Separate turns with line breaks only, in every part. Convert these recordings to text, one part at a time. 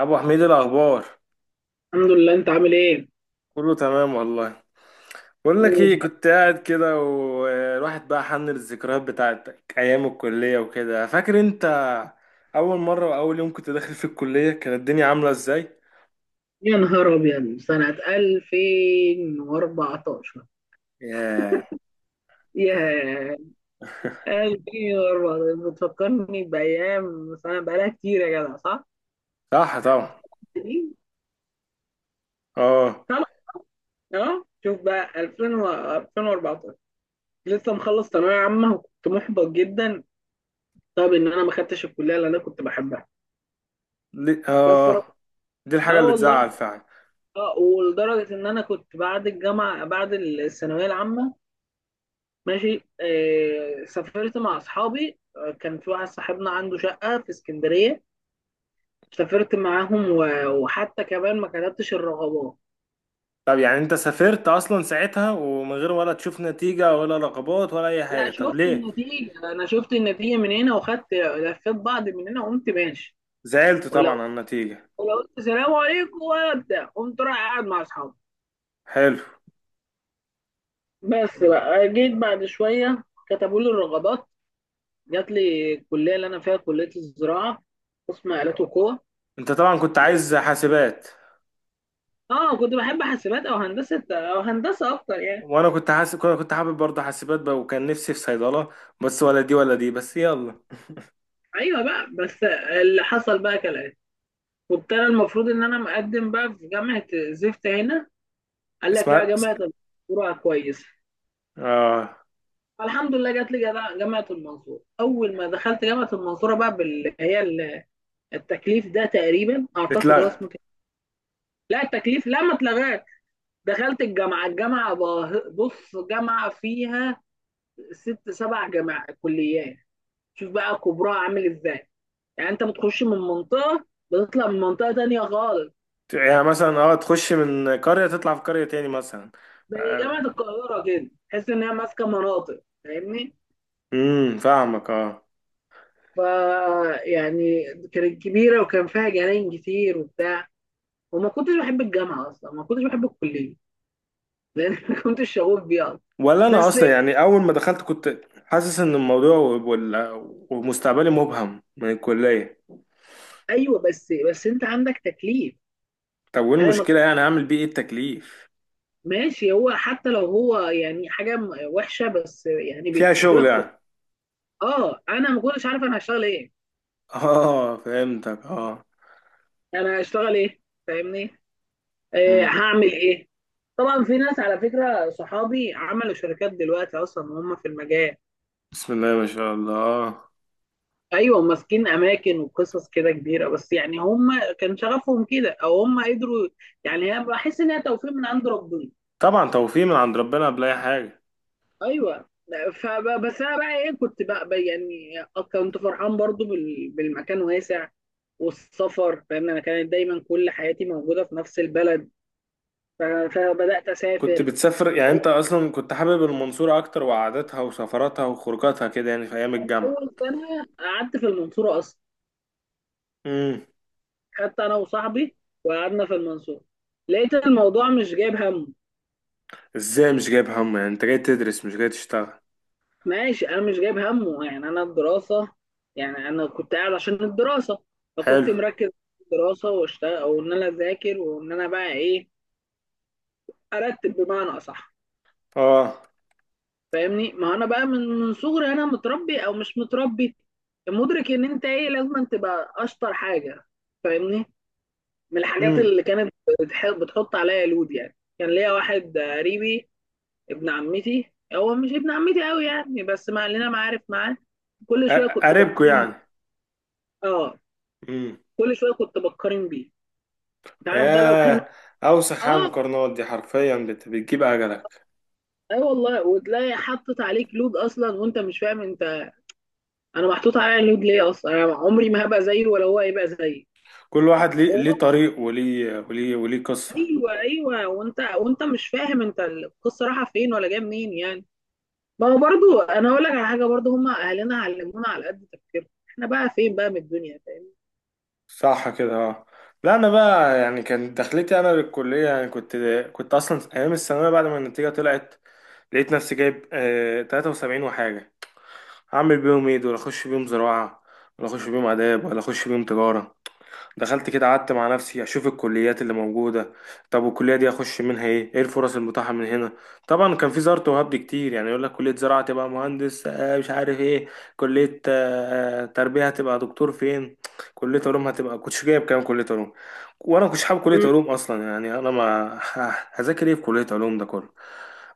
ابو حميد الاخبار.
الحمد لله، انت عامل ايه؟
كله تمام والله. بقول لك ايه،
ماشي.
كنت قاعد كده والواحد بقى حن الذكريات بتاعتك ايام الكليه وكده، فاكر انت اول مره واول يوم كنت داخل في الكليه كانت الدنيا عامله ازاي.
يا نهار ابيض سنة 2014.
ياه.
ياه. 2014 بتفكرني بأيام سنة بقالها كتير يا جدع، صح؟
صح طبعا. اه.
طبعا. اه شوف بقى 2000 و 2014. لسه مخلص ثانوية عامة وكنت محبط جدا. طب ان انا ما خدتش الكلية اللي انا كنت بحبها.
لي...
بس رب...
اه دي الحاجه
اه
اللي تزعل
والله.
فعلا.
اه، ولدرجة ان انا كنت بعد الجامعة بعد الثانوية العامة ماشي. سافرت مع اصحابي، كان في واحد صاحبنا عنده شقه في اسكندريه. سافرت معاهم وحتى كمان ما كتبتش الرغبات.
طب يعني انت سافرت اصلا ساعتها ومن غير ولا تشوف نتيجه ولا رقابات ولا اي حاجه،
لا،
طب
شفت
ليه؟
النتيجه، انا شفت النتيجه من هنا وخدت لفيت بعض من هنا وقمت ماشي.
زعلت طبعا
ولو
على النتيجه.
ولو قلت سلام عليكم ولا بتاع قمت رايح قاعد مع اصحابي.
حلو.
بس
مم.
بقى جيت بعد شويه، كتبوا لي الرغبات. جات لي الكليه اللي انا فيها، كليه الزراعه، قسم آلات وقوى.
انت طبعا كنت
لا-
عايز حاسبات.
اه، كنت بحب حاسبات او هندسه، او هندسه اكتر يعني.
وانا كنت حاسب، كنت حابب برضه حاسبات بقى، وكان نفسي في صيدله. بس ولا دي ولا دي، بس يلا.
ايوه بقى، بس اللي حصل بقى كالاتي. كنت انا المفروض ان انا مقدم بقى في جامعه زفت هنا. قال لك لا،
اسمها.
جامعه المنصوره كويسه.
اه.
فالحمد لله جات لي جامعه المنصوره. اول ما دخلت جامعه المنصوره بقى، باللي هي التكليف ده، تقريبا اعتقد هو
اتلغى.
اسمه كده. لا، التكليف لا ما اتلغاش. دخلت الجامعه، بص، جامعه فيها ست سبع جامعات كليات. شوف بقى كبرها عامل ازاي. يعني انت بتخش من منطقه بتطلع من منطقه تانيه خالص.
يعني مثلا، تخش من قريه تطلع في قريه تاني مثلا.
زي جامعة
آه،
القاهرة كده، تحس إن هي ماسكة مناطق، فاهمني؟
فاهمك اه.
فا يعني كانت كبيرة وكان فيها جناين كتير وبتاع. وما كنتش بحب الجامعة أصلا، ما كنتش بحب الكلية لأن ما كنتش شغوف بيها أصلا.
ولا انا
بس
اصلا يعني اول ما دخلت كنت حاسس ان الموضوع ومستقبلي مبهم من الكليه.
أيوه، بس أنت عندك تكليف.
طب وايه
أنا ما
المشكله؟
كنت-
يعني هعمل بيه ايه التكليف؟
ماشي، هو حتى لو هو يعني حاجة وحشة بس يعني
فيها
بتبقى
شغل
كويسة.
يعني.
أه، أنا ما كنتش عارف أنا هشتغل إيه.
اه فهمتك، اه.
أنا هشتغل إيه؟ فاهمني؟ آه،
مم.
هعمل ايه. طبعا في ناس، على فكره، صحابي عملوا شركات دلوقتي اصلا وهم في المجال.
بسم الله ما شاء الله.
ايوه ماسكين اماكن وقصص كده كبيره، بس يعني هم كان شغفهم كده او هم قدروا. يعني هي بحس انها توفيق من عند ربنا.
طبعا توفيق من عند ربنا قبل اي حاجه.
ايوه. انا بقى ايه، كنت بقى يعني كنت فرحان برضو بالمكان واسع والسفر، لان انا كانت دايما كل حياتي موجوده في نفس البلد. فبدات
كنت
اسافر.
بتسافر يعني؟ انت اصلا كنت حابب المنصوره اكتر وقعدتها وسفراتها وخروجاتها كده، يعني في ايام الجامعه.
اول سنه قعدت في المنصوره اصلا،
امم.
خدت انا وصاحبي وقعدنا في المنصورة، لقيت الموضوع مش جايب همه.
ازاي مش جايب هم؟ يعني انت جاي تدرس مش جاي تشتغل.
ماشي، انا مش جايب همه يعني، انا الدراسة، يعني انا كنت قاعد عشان الدراسة. فكنت
حلو.
مركز في الدراسة، واشتغل وان انا اذاكر وان انا بقى ايه، ارتب بمعنى اصح.
اه.
فاهمني؟ ما انا بقى من صغري انا متربي او مش متربي، مدرك ان انت ايه، لازم أن تبقى اشطر حاجة. فاهمني؟ من الحاجات
امم.
اللي كانت بتحط عليا لود يعني، كان ليا واحد قريبي، ابن عمتي. هو مش ابن عمتي قوي يعني، بس مع لنا معارف معاه. كل شويه كنت
قريبكوا
بقارن بيه.
يعني.
اه،
امم.
كل شويه كنت بقارن بيه. انت عارف ده لو كان.
ياه. اوسخ على
اه،
المقارنات دي حرفيا، بتجيب اجلك.
اي والله. وتلاقي حطت عليك لود اصلا وانت مش فاهم انت، انا محطوط عليا لود ليه اصلا. انا عمري ما هبقى زيه ولا هو هيبقى زيي.
كل واحد ليه
هو
ليه طريق، وليه وليه وليه قصه.
ايوه، ايوه. وانت مش فاهم انت القصه رايحه فين ولا جايه منين يعني. ما هو برضو انا اقول لك على حاجه برضو، هم اهلنا علمونا على قد تفكيرنا، احنا بقى فين بقى من الدنيا، فاهم؟
صح كده، اه. لا انا بقى يعني كان دخلتي انا للكليه، يعني كنت اصلا ايام الثانويه بعد ما النتيجه طلعت لقيت نفسي جايب 73 وحاجه. هعمل بيهم ايه دول؟ اخش بيهم زراعه، ولا اخش بيهم اداب، ولا اخش بيهم تجاره؟ دخلت كده قعدت مع نفسي اشوف الكليات اللي موجوده. طب والكليه دي اخش منها ايه الفرص المتاحه من هنا؟ طبعا كان في زارت وهبد كتير، يعني يقول لك كليه زراعه تبقى مهندس مش عارف ايه، كليه تربيه هتبقى دكتور فين، كليه علوم هتبقى كنتش جايب كام كليه علوم. وانا ما كنتش حابب كليه
مم.
علوم اصلا، يعني انا ما هذاكر ايه في كليه علوم ده كله.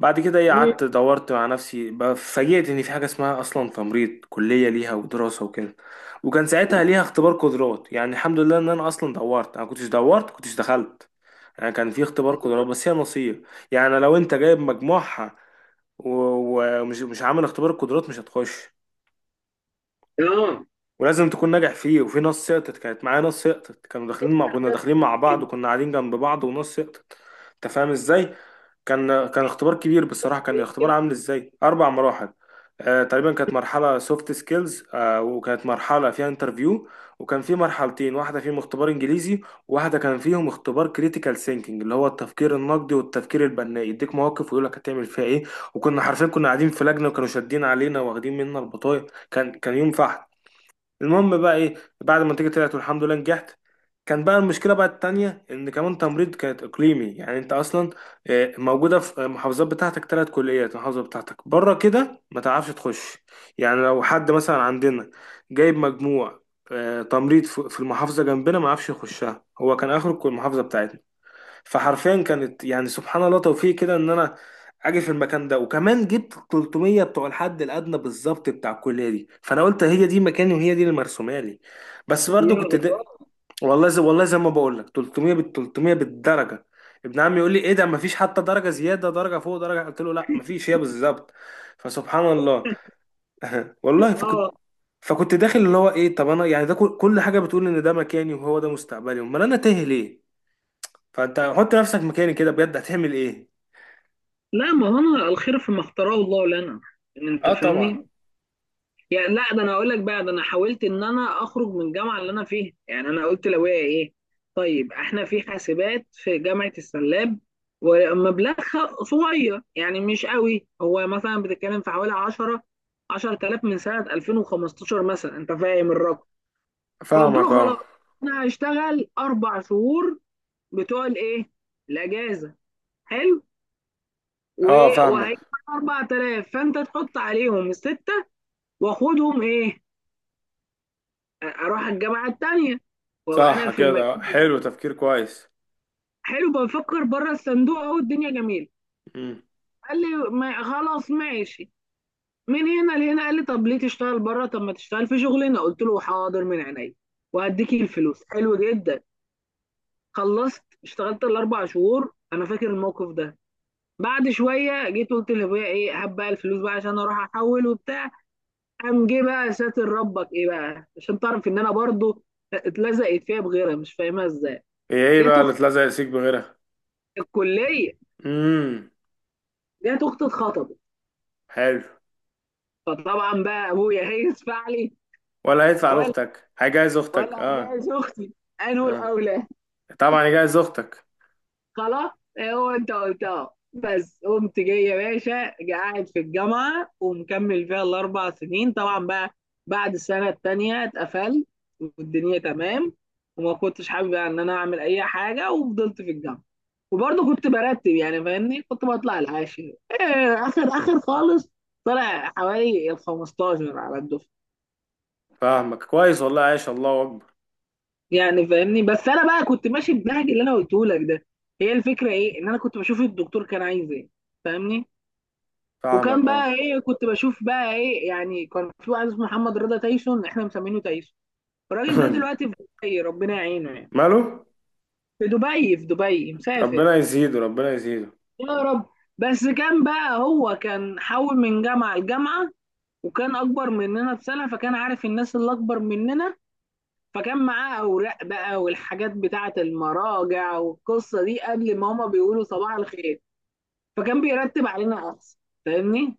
بعد كده ايه،
مم.
قعدت دورت مع نفسي بقى، فاجئت ان في حاجه اسمها اصلا تمريض، كليه ليها ودراسه وكده. وكان ساعتها ليها اختبار قدرات، يعني الحمد لله ان انا اصلا دورت، انا كنتش دورت كنتش دخلت. يعني كان في اختبار قدرات، بس هي نصيب. يعني لو انت جايب مجموعها ومش مش عامل اختبار القدرات، مش هتخش.
اه.
ولازم تكون ناجح فيه، وفي ناس سقطت، كانت معايا ناس سقطت، كانوا داخلين مع، كنا داخلين مع بعض وكنا قاعدين جنب بعض وناس سقطت. انت فاهم ازاي؟ كان اختبار كبير بصراحة. كان الاختبار عامل ازاي؟ اربع مراحل، تقريبا. كانت مرحلة سوفت سكيلز، وكانت مرحلة فيها انترفيو، وكان في مرحلتين، واحدة فيهم اختبار انجليزي، وواحدة كان فيهم اختبار كريتيكال ثينكينج اللي هو التفكير النقدي والتفكير البناء، يديك مواقف ويقول لك هتعمل فيها ايه. وكنا حرفيا كنا قاعدين في لجنة، وكانوا شادين علينا واخدين منا البطايق. كان يوم فحت. المهم بقى ايه، بعد ما النتيجه طلعت والحمد لله نجحت، كان بقى المشكله بقى التانية ان كمان تمريض كانت اقليمي، يعني انت اصلا موجوده في المحافظات بتاعتك ثلاث كليات، المحافظه بتاعتك بره كده ما تعرفش تخش. يعني لو حد مثلا عندنا جايب مجموع تمريض في المحافظه جنبنا، ما عرفش يخشها، هو كان اخر المحافظه بتاعتنا. فحرفيا كانت يعني سبحان الله توفيق كده، ان انا اجي في المكان ده، وكمان جبت 300 بتوع الحد الادنى بالظبط بتاع الكليه دي، فانا قلت هي دي مكاني وهي دي اللي مرسومه لي. بس
يا
برضو كنت
الله.
ده، والله زي ما بقول لك 300، بال 300 بالدرجه. ابن عمي يقول لي ايه ده، مفيش حتى درجه زياده، درجه فوق درجه، قلت له لا مفيش، هي بالظبط. فسبحان الله. والله فكنت
اه.
فكنت داخل اللي هو ايه، طب انا يعني ده كل حاجه بتقول ان ده مكاني وهو ده مستقبلي، امال انا تايه ليه؟ فانت حط نفسك مكاني كده بجد، هتعمل ايه؟
لا، ما هو انا الخير فيما اختاره الله لنا. يعني انت
اه طبعا.
فاهمني، يعني لا. ده انا اقول لك بقى، ده انا حاولت ان انا اخرج من الجامعه اللي انا فيها. يعني انا قلت لو هي ايه، طيب احنا في حاسبات في جامعه السلاب ومبلغها صغير يعني مش قوي، هو مثلا بتتكلم في حوالي 10، 10,000 من سنه 2015 مثلا. انت فاهم الرقم؟ فقلت
فاهمك
له
اه.
خلاص، انا هشتغل اربع شهور بتوع الايه، الاجازه. حلو.
اه فاهمك.
وهيدفع 4,000، فانت تحط عليهم سته، واخدهم ايه، اروح الجامعه التانيه وابقى
صح
انا في المكان
كده، حلو،
بتاعي.
تفكير كويس.
حلو، بفكر بره الصندوق، اهو الدنيا جميله.
امم.
قال لي ما خلاص ماشي، من هنا لهنا قال لي طب ليه تشتغل بره، طب ما تشتغل في شغلنا. قلت له حاضر من عينيا. وهديكي الفلوس. حلو جدا. خلصت اشتغلت الاربع شهور، انا فاكر الموقف ده. بعد شويه جيت قلت لابويا ايه، هات بقى الفلوس بقى عشان اروح احول وبتاع. قام جه بقى ساتر ربك ايه بقى، عشان تعرف ان انا برضو اتلزقت فيها بغيرها مش فاهمها ازاي.
هي ايه
جت
بقى اللي
اختي
اتلزق سيك بغيرها؟
في الكليه،
امم.
جت اختي اتخطبت.
حلو.
فطبعا بقى ابويا هيس فعلي.
ولا هيدفع
ولا،
لاختك، هيجهز اختك، اه.
جايز اختي، انا
اه
الاولى.
طبعا يجهز اختك.
خلاص. إيه، هو انت قلتها. بس قمت جاي يا باشا قاعد في الجامعه ومكمل فيها الاربع سنين طبعا بقى. بعد السنه التانيه اتقفلت والدنيا تمام. وما كنتش حابب يعني ان انا اعمل اي حاجه، وفضلت في الجامعه. وبرضه كنت برتب يعني، فاهمني، كنت بطلع العاشر، إيه اخر خالص. طلع حوالي ال 15 على الدفعه.
فاهمك كويس والله، عايش، الله اكبر.
يعني فاهمني، بس انا بقى كنت ماشي بالنهج اللي انا قلته لك ده. هي الفكره ايه، ان انا كنت بشوف الدكتور كان عايز ايه، فاهمني؟
فاهمك
وكان
اه.
بقى ايه، كنت بشوف بقى ايه يعني. كان في واحد اسمه محمد رضا تايسون، احنا مسمينه تايسون. الراجل ده دلوقتي في دبي، ربنا يعينه يعني.
ماله.
في دبي، في دبي مسافر.
ربنا يزيده، ربنا يزيده.
يا رب. بس كان بقى، هو كان حول من جامعة لجامعة وكان اكبر مننا بسنة، فكان عارف الناس اللي اكبر مننا. فكان معاه اوراق بقى والحاجات بتاعة المراجع والقصة دي قبل ما هما بيقولوا صباح الخير. فكان بيرتب علينا احسن. فاهمني؟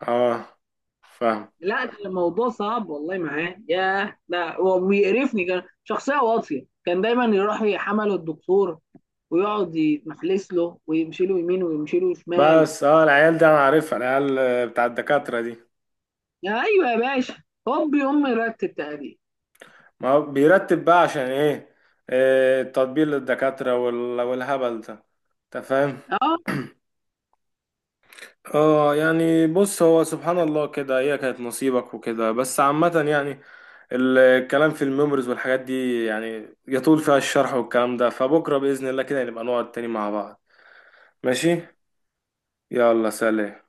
اه فاهم.
لا كان الموضوع صعب والله معاه. ياه ده هو بيقرفني، كان شخصية واطية. كان دايما يروح يحمله الدكتور ويقعد يتمحلس له ويمشي له يمين ويمشي له شمال.
بس العيال دي انا عارفها، العيال بتاع الدكاترة دي.
يا ايوه يا باشا، هوب يقوم مرتب تقريبا.
ما هو بيرتب بقى عشان ايه؟ إيه، التطبيل للدكاترة والهبل ده. انت فاهم.
اه.
اه يعني بص، هو سبحان الله كده، هي كانت نصيبك وكده، بس عامة يعني الكلام في الميموريز والحاجات دي يعني يطول فيها الشرح والكلام ده، فبكرة بإذن الله كده نبقى نقعد تاني مع بعض. ماشي. يلا سلام.